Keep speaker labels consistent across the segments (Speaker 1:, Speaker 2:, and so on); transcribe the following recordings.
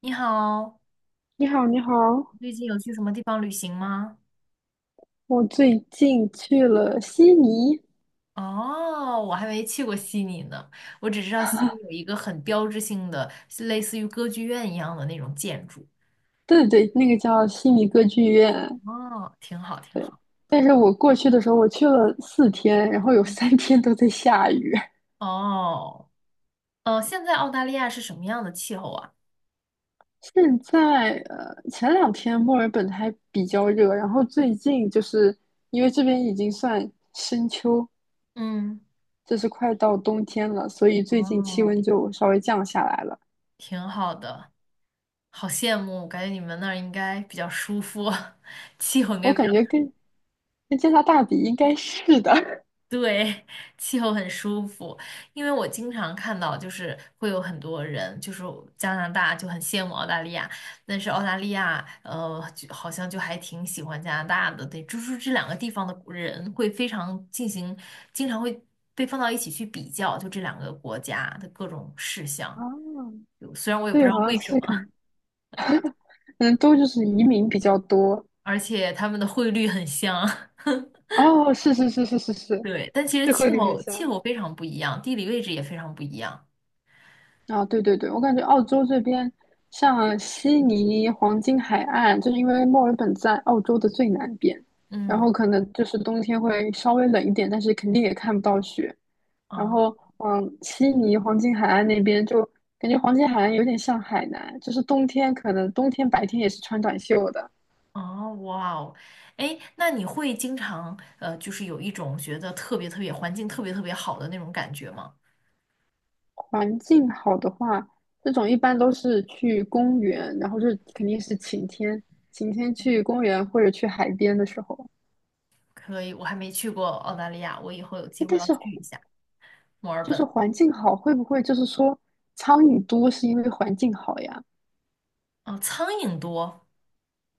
Speaker 1: 你好，
Speaker 2: 你好，你好，
Speaker 1: 最近有去什么地方旅行吗？
Speaker 2: 我最近去了悉尼。
Speaker 1: 哦，我还没去过悉尼呢，我只知道悉尼有一个很标志性的，是类似于歌剧院一样的那种建筑。
Speaker 2: 对对对，那个叫悉尼歌剧院。
Speaker 1: 哦，挺好，挺
Speaker 2: 对。
Speaker 1: 好。
Speaker 2: 但是我过去的时候，我去了4天，然后有
Speaker 1: 嗯。
Speaker 2: 3天都在下雨。
Speaker 1: 哦。现在澳大利亚是什么样的气候啊？
Speaker 2: 现在前两天墨尔本还比较热，然后最近就是因为这边已经算深秋，
Speaker 1: 嗯。
Speaker 2: 就是快到冬天了，所以最近气
Speaker 1: 哦，
Speaker 2: 温就稍微降下来了。
Speaker 1: 挺好的，好羡慕，感觉你们那儿应该比较舒服，气候应
Speaker 2: 我
Speaker 1: 该比
Speaker 2: 感觉
Speaker 1: 较。
Speaker 2: 跟加拿大比应该是的。
Speaker 1: 对，气候很舒服，因为我经常看到，就是会有很多人，就是加拿大就很羡慕澳大利亚，但是澳大利亚，就好像就还挺喜欢加拿大的。对，就是这两个地方的人会非常进行，经常会被放到一起去比较，就这两个国家的各种事项，
Speaker 2: 啊，
Speaker 1: 就虽然我也不知
Speaker 2: 对，
Speaker 1: 道
Speaker 2: 好像
Speaker 1: 为什
Speaker 2: 是
Speaker 1: 么，
Speaker 2: 可能。嗯，都就是移民比较多。
Speaker 1: 而且他们的汇率很像。
Speaker 2: 哦，是是是是是是，
Speaker 1: 对，但其实
Speaker 2: 这汇
Speaker 1: 气
Speaker 2: 率很
Speaker 1: 候气
Speaker 2: 像
Speaker 1: 候非常不一样，地理位置也非常不一样。
Speaker 2: 啊。对对对，我感觉澳洲这边，像悉尼黄金海岸，就是因为墨尔本在澳洲的最南边，然
Speaker 1: 嗯。
Speaker 2: 后可能就是冬天会稍微冷一点，但是肯定也看不到雪。然后，
Speaker 1: 啊。
Speaker 2: 嗯，悉尼黄金海岸那边就感觉黄金海岸有点像海南，就是冬天可能冬天白天也是穿短袖的。
Speaker 1: 哦，哇哦。哎，那你会经常就是有一种觉得特别特别环境特别特别好的那种感觉吗？
Speaker 2: 环境好的话，这种一般都是去公园，然后就是肯定是晴天，晴天去公园或者去海边的时候。
Speaker 1: 可以，我还没去过澳大利亚，我以后有机
Speaker 2: 哎
Speaker 1: 会
Speaker 2: 但
Speaker 1: 要
Speaker 2: 是
Speaker 1: 去一下墨尔
Speaker 2: 就是
Speaker 1: 本。
Speaker 2: 环境好，会不会就是说苍蝇多是因为环境好呀？
Speaker 1: 哦，苍蝇多，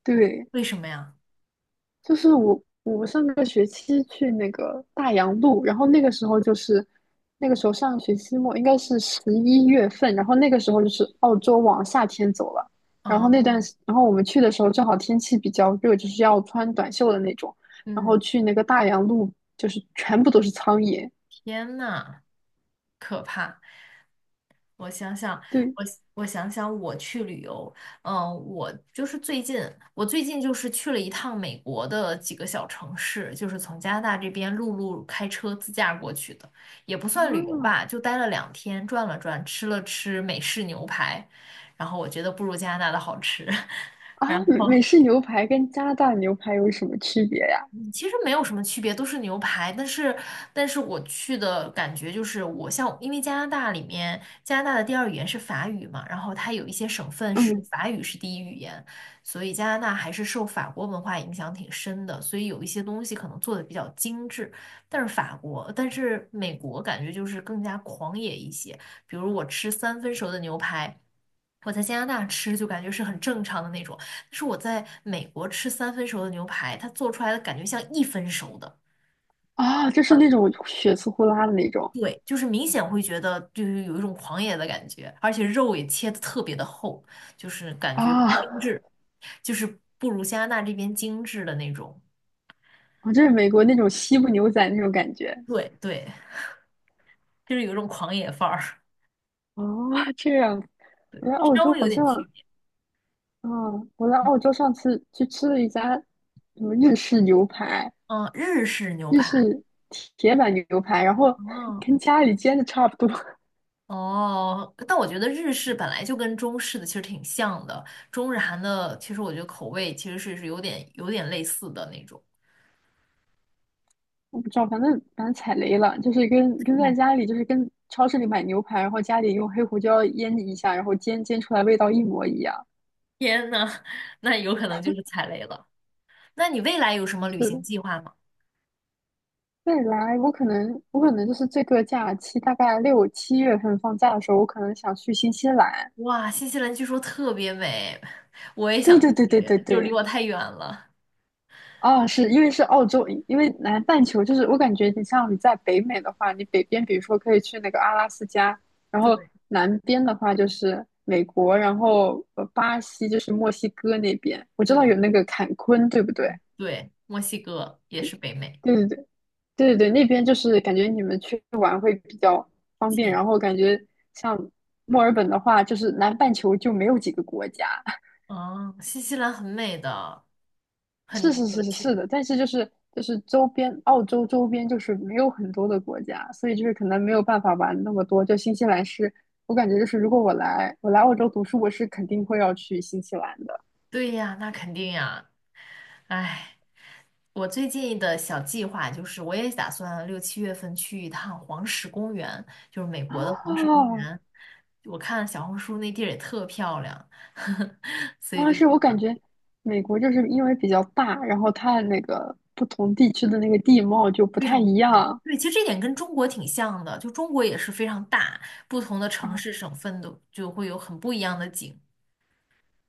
Speaker 2: 对，
Speaker 1: 为什么呀？
Speaker 2: 就是我上个学期去那个大洋路，然后那个时候就是那个时候上学期末应该是11月份，然后那个时候就是澳洲往夏天走了，然后那段
Speaker 1: 哦。
Speaker 2: 时然后我们去的时候正好天气比较热，就是要穿短袖的那种，然
Speaker 1: 嗯。
Speaker 2: 后去那个大洋路就是全部都是苍蝇。
Speaker 1: 天呐，可怕。我想想，我
Speaker 2: 对
Speaker 1: 我想想，我去旅游，嗯，我就是最近，我最近就是去了一趟美国的几个小城市，就是从加拿大这边陆路开车自驾过去的，也不算旅游
Speaker 2: 啊
Speaker 1: 吧，就待了两天，转了转，吃了吃美式牛排，然后我觉得不如加拿大的好吃。
Speaker 2: 啊，美式牛排跟加拿大牛排有什么区别呀？
Speaker 1: 其实没有什么区别，都是牛排。但是，但是我去的感觉就是，我像因为加拿大里面，加拿大的第二语言是法语嘛，然后它有一些省份是
Speaker 2: 嗯
Speaker 1: 法语是第一语言，所以加拿大还是受法国文化影响挺深的，所以有一些东西可能做的比较精致。但是法国，但是美国感觉就是更加狂野一些，比如我吃三分熟的牛排。我在加拿大吃就感觉是很正常的那种，是我在美国吃三分熟的牛排，它做出来的感觉像一分熟的。
Speaker 2: 啊，就是那种血丝呼啦的那种
Speaker 1: 对，就是明显会觉得就是有一种狂野的感觉，而且肉也切的特别的厚，就是感觉不精
Speaker 2: 啊。
Speaker 1: 致，就是不如加拿大这边精致的那种。
Speaker 2: 哦，这是美国那种西部牛仔那种感觉。
Speaker 1: 对，对，就是有一种狂野范儿。
Speaker 2: 哦，这样。我 在澳
Speaker 1: 稍
Speaker 2: 洲
Speaker 1: 微有
Speaker 2: 好像，
Speaker 1: 点区别。
Speaker 2: 嗯，我在澳洲上次去吃了一家什么日式牛排，
Speaker 1: 嗯，日式牛
Speaker 2: 日
Speaker 1: 排。
Speaker 2: 式铁板牛排，然后
Speaker 1: 哦。
Speaker 2: 跟家里煎的差不多。
Speaker 1: 哦，但我觉得日式本来就跟中式的其实挺像的，中日韩的其实我觉得口味其实是有点类似的那种。
Speaker 2: 我不知道，反正踩雷了，就是跟在
Speaker 1: 嗯。
Speaker 2: 家里，就是跟超市里买牛排，然后家里用黑胡椒腌一下，然后煎煎出来味道一模一样。
Speaker 1: 天呐，那有可能就是踩雷了。那你未来有什么旅
Speaker 2: 是
Speaker 1: 行
Speaker 2: 的，
Speaker 1: 计划吗？
Speaker 2: 未来我可能就是这个假期大概6、7月份放假的时候，我可能想去新西兰。
Speaker 1: 哇，新西兰据说特别美。
Speaker 2: 对对对对对
Speaker 1: 就离
Speaker 2: 对。
Speaker 1: 我太远了。
Speaker 2: 啊，是因为是澳洲，因为南半球就是我感觉你像你在北美的话，你北边比如说可以去那个阿拉斯加，然后
Speaker 1: 对
Speaker 2: 南边的话就是美国，然后巴西就是墨西哥那边，我知道有
Speaker 1: 对
Speaker 2: 那个坎昆，对不对？
Speaker 1: 嗯对，墨西哥也是北美，
Speaker 2: 对对对对对对，那边就是感觉你们去玩会比较方便，
Speaker 1: 近。
Speaker 2: 然后感觉像墨尔本的话，就是南半球就没有几个国家。
Speaker 1: 哦，新西兰很美的，很
Speaker 2: 是
Speaker 1: 值
Speaker 2: 是
Speaker 1: 得
Speaker 2: 是是是
Speaker 1: 去。
Speaker 2: 的，但是就是周边澳洲周边就是没有很多的国家，所以就是可能没有办法玩那么多。就新西兰是，我感觉就是如果我来澳洲读书，我是肯定会要去新西兰的。
Speaker 1: 对呀，那肯定呀。哎。我最近的小计划就是，我也打算六七月份去一趟黄石公园，就是美
Speaker 2: 啊
Speaker 1: 国的黄石公园。我看小红书那地儿也特漂亮，所以
Speaker 2: 啊，
Speaker 1: 就
Speaker 2: 是我感觉美国就是因为比较大，然后它那个不同地区的那个地貌就不
Speaker 1: 非
Speaker 2: 太
Speaker 1: 常
Speaker 2: 一
Speaker 1: 不一样。
Speaker 2: 样。
Speaker 1: 对，其实这点跟中国挺像的，就中国也是非常大，不同的城市、
Speaker 2: 啊。
Speaker 1: 省份都就会有很不一样的景。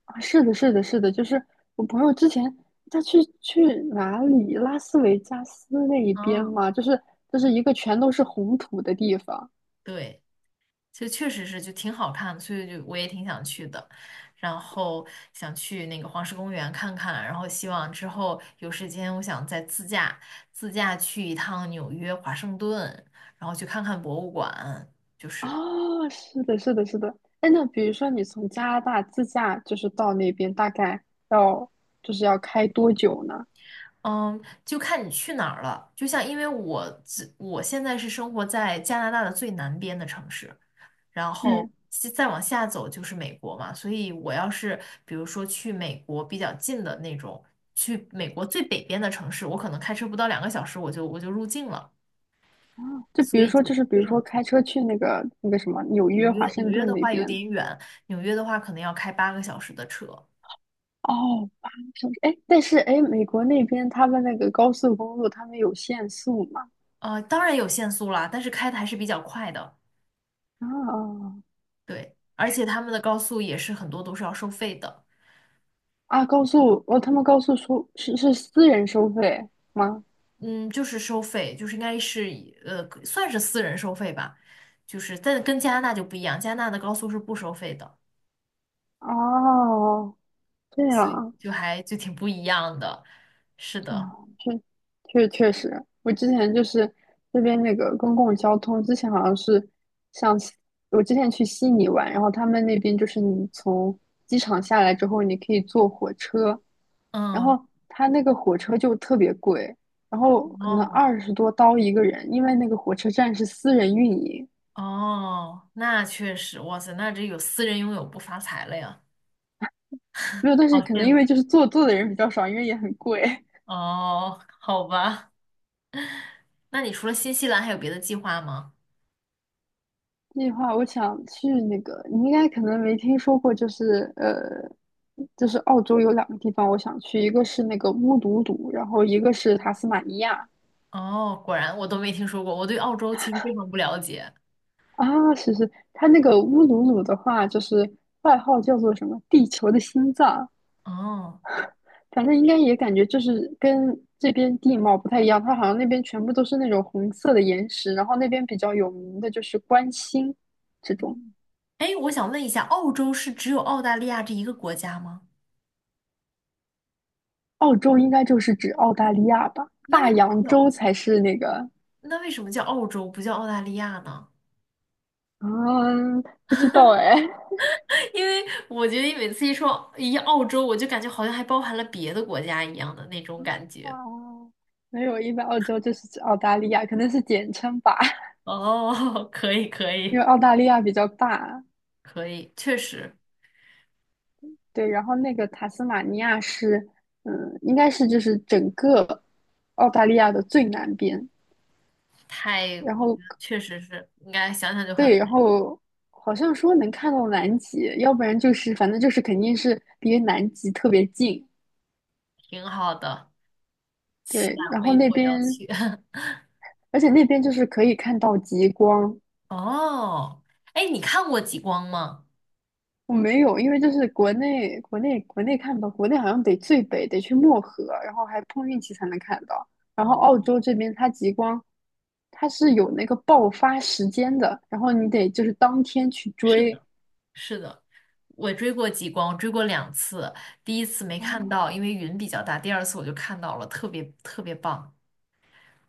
Speaker 2: 啊，是的，是的，是的，就是我朋友之前他去哪里，拉斯维加斯那一边
Speaker 1: 嗯。
Speaker 2: 嘛，就是一个全都是红土的地方。
Speaker 1: 对。就确实是就挺好看的，所以就我也挺想去的，然后想去那个黄石公园看看，然后希望之后有时间，我想再自驾去一趟纽约、华盛顿，然后去看看博物馆，就是。
Speaker 2: 啊，是的，是的，是的。哎，那比如说你从加拿大自驾就是到那边，大概要就是要开多久呢？
Speaker 1: 嗯，就看你去哪儿了。就像因为我现在是生活在加拿大的最南边的城市，然后
Speaker 2: 嗯。
Speaker 1: 西再往下走就是美国嘛。所以我要是比如说去美国比较近的那种，去美国最北边的城市，我可能开车不到两个小时我就入境了，
Speaker 2: 啊，就
Speaker 1: 所
Speaker 2: 比如
Speaker 1: 以
Speaker 2: 说
Speaker 1: 就非常近。
Speaker 2: 开车去那个什么纽
Speaker 1: 纽
Speaker 2: 约、
Speaker 1: 约
Speaker 2: 华
Speaker 1: 纽
Speaker 2: 盛
Speaker 1: 约
Speaker 2: 顿
Speaker 1: 的
Speaker 2: 那
Speaker 1: 话有
Speaker 2: 边。
Speaker 1: 点远，纽约的话可能要开八个小时的车。
Speaker 2: 哦，8个小时。哎，但是哎，美国那边他们那个高速公路，他们有限速嘛？
Speaker 1: 当然有限速啦，但是开的还是比较快的。
Speaker 2: 啊。
Speaker 1: 对，而且他们的高速也是很多都是要收费的。
Speaker 2: 啊！高速哦，他们高速收是私人收费吗？
Speaker 1: 嗯，就是收费，就是应该是以算是私人收费吧，就是但跟加拿大就不一样，加拿大的高速是不收费的，
Speaker 2: 哦，这样
Speaker 1: 所以
Speaker 2: 啊。
Speaker 1: 就还就挺不一样的。是的。
Speaker 2: 哇，确实，我之前就是这边那个公共交通，之前好像是像西我之前去悉尼玩，然后他们那边就是你从机场下来之后，你可以坐火车，然
Speaker 1: 嗯。
Speaker 2: 后他那个火车就特别贵，然后可能
Speaker 1: 哦。
Speaker 2: 20多刀一个人，因为那个火车站是私人运营。
Speaker 1: 哦，那确实，哇塞，那这有私人拥有不发财了呀，
Speaker 2: 没有，但
Speaker 1: 好
Speaker 2: 是可能
Speaker 1: 羡
Speaker 2: 因
Speaker 1: 慕。
Speaker 2: 为就是做的人比较少，因为也很贵。
Speaker 1: 哦，好吧，那你除了新西兰还有别的计划吗？
Speaker 2: 这句话我想去那个，你应该可能没听说过，就是就是澳洲有2个地方我想去，一个是那个乌鲁鲁，然后一个是塔斯马尼亚。
Speaker 1: 哦，果然我都没听说过，我对澳洲其实非常不了解。
Speaker 2: 啊，是是，它那个乌鲁鲁的话，就是外号叫做什么“地球的心脏”，
Speaker 1: 哦。
Speaker 2: 反正应该也感觉就是跟这边地貌不太一样，它好像那边全部都是那种红色的岩石，然后那边比较有名的就是观星这种。
Speaker 1: 哎，我想问一下，澳洲是只有澳大利亚这一个国家吗？
Speaker 2: 澳洲应该就是指澳大利亚吧？
Speaker 1: 那为
Speaker 2: 大
Speaker 1: 什么
Speaker 2: 洋
Speaker 1: 叫
Speaker 2: 洲才是那个。
Speaker 1: 那为什么叫澳洲不叫澳大利亚呢？
Speaker 2: 啊，不知道哎。
Speaker 1: 因为我觉得每次一说一澳洲，我就感觉好像还包含了别的国家一样的那种感觉。
Speaker 2: 哦，没有，一般澳洲就是指澳大利亚，可能是简称吧，
Speaker 1: 哦，可以可
Speaker 2: 因
Speaker 1: 以
Speaker 2: 为澳大利亚比较大。
Speaker 1: 可以，确实
Speaker 2: 对，然后那个塔斯马尼亚是，嗯，应该是就是整个澳大利亚的最南边。
Speaker 1: 太，
Speaker 2: 然
Speaker 1: 我觉
Speaker 2: 后
Speaker 1: 得确实是应该想想就很
Speaker 2: 对，然
Speaker 1: 美。
Speaker 2: 后好像说能看到南极，要不然就是反正就是肯定是离南极特别近。
Speaker 1: 挺好的，期待
Speaker 2: 对，然
Speaker 1: 我
Speaker 2: 后
Speaker 1: 一会儿要去。
Speaker 2: 那边就是可以看到极光。
Speaker 1: 哦。哎，你看过极光吗？
Speaker 2: 我没有，因为就是国内看不到，国内好像得最北得去漠河，然后还碰运气才能看到。然后
Speaker 1: 哦，
Speaker 2: 澳洲这边它极光，它是有那个爆发时间的，然后你得就是当天去
Speaker 1: 是
Speaker 2: 追。
Speaker 1: 的，是的。我追过极光，追过两次，第一次没看
Speaker 2: 啊。
Speaker 1: 到，因为云比较大，第二次我就看到了，特别特别棒。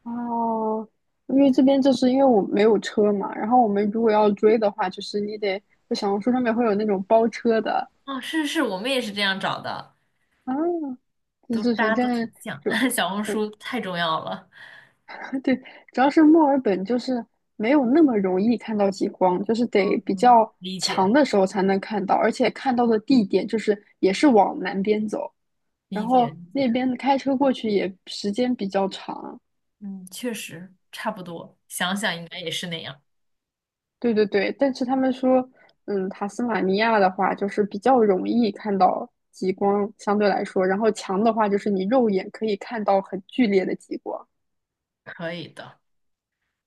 Speaker 2: 哦，因为这边就是因为我没有车嘛，然后我们如果要追的话，就是你得就小红书上面会有那种包车的。
Speaker 1: 哦，是是是，我们也是这样找的，
Speaker 2: 啊，就
Speaker 1: 都
Speaker 2: 是
Speaker 1: 大
Speaker 2: 反
Speaker 1: 家都
Speaker 2: 正
Speaker 1: 挺像，
Speaker 2: 就
Speaker 1: 小红
Speaker 2: 对，
Speaker 1: 书太重要了。
Speaker 2: 对，主要是墨尔本就是没有那么容易看到极光，就是得比
Speaker 1: 嗯，
Speaker 2: 较
Speaker 1: 理解
Speaker 2: 强的时候才能看到，而且看到的地点就是也是往南边走，然
Speaker 1: 理解
Speaker 2: 后
Speaker 1: 理
Speaker 2: 那
Speaker 1: 解。
Speaker 2: 边开车过去也时间比较长。
Speaker 1: 嗯，确实差不多，想想应该也是那样。
Speaker 2: 对对对，但是他们说，嗯，塔斯马尼亚的话就是比较容易看到极光，相对来说，然后强的话就是你肉眼可以看到很剧烈的极光。
Speaker 1: 可以的，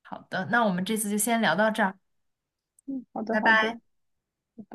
Speaker 1: 好的，那我们这次就先聊到这儿，
Speaker 2: 嗯，好的
Speaker 1: 拜
Speaker 2: 好的，
Speaker 1: 拜。
Speaker 2: 拜拜。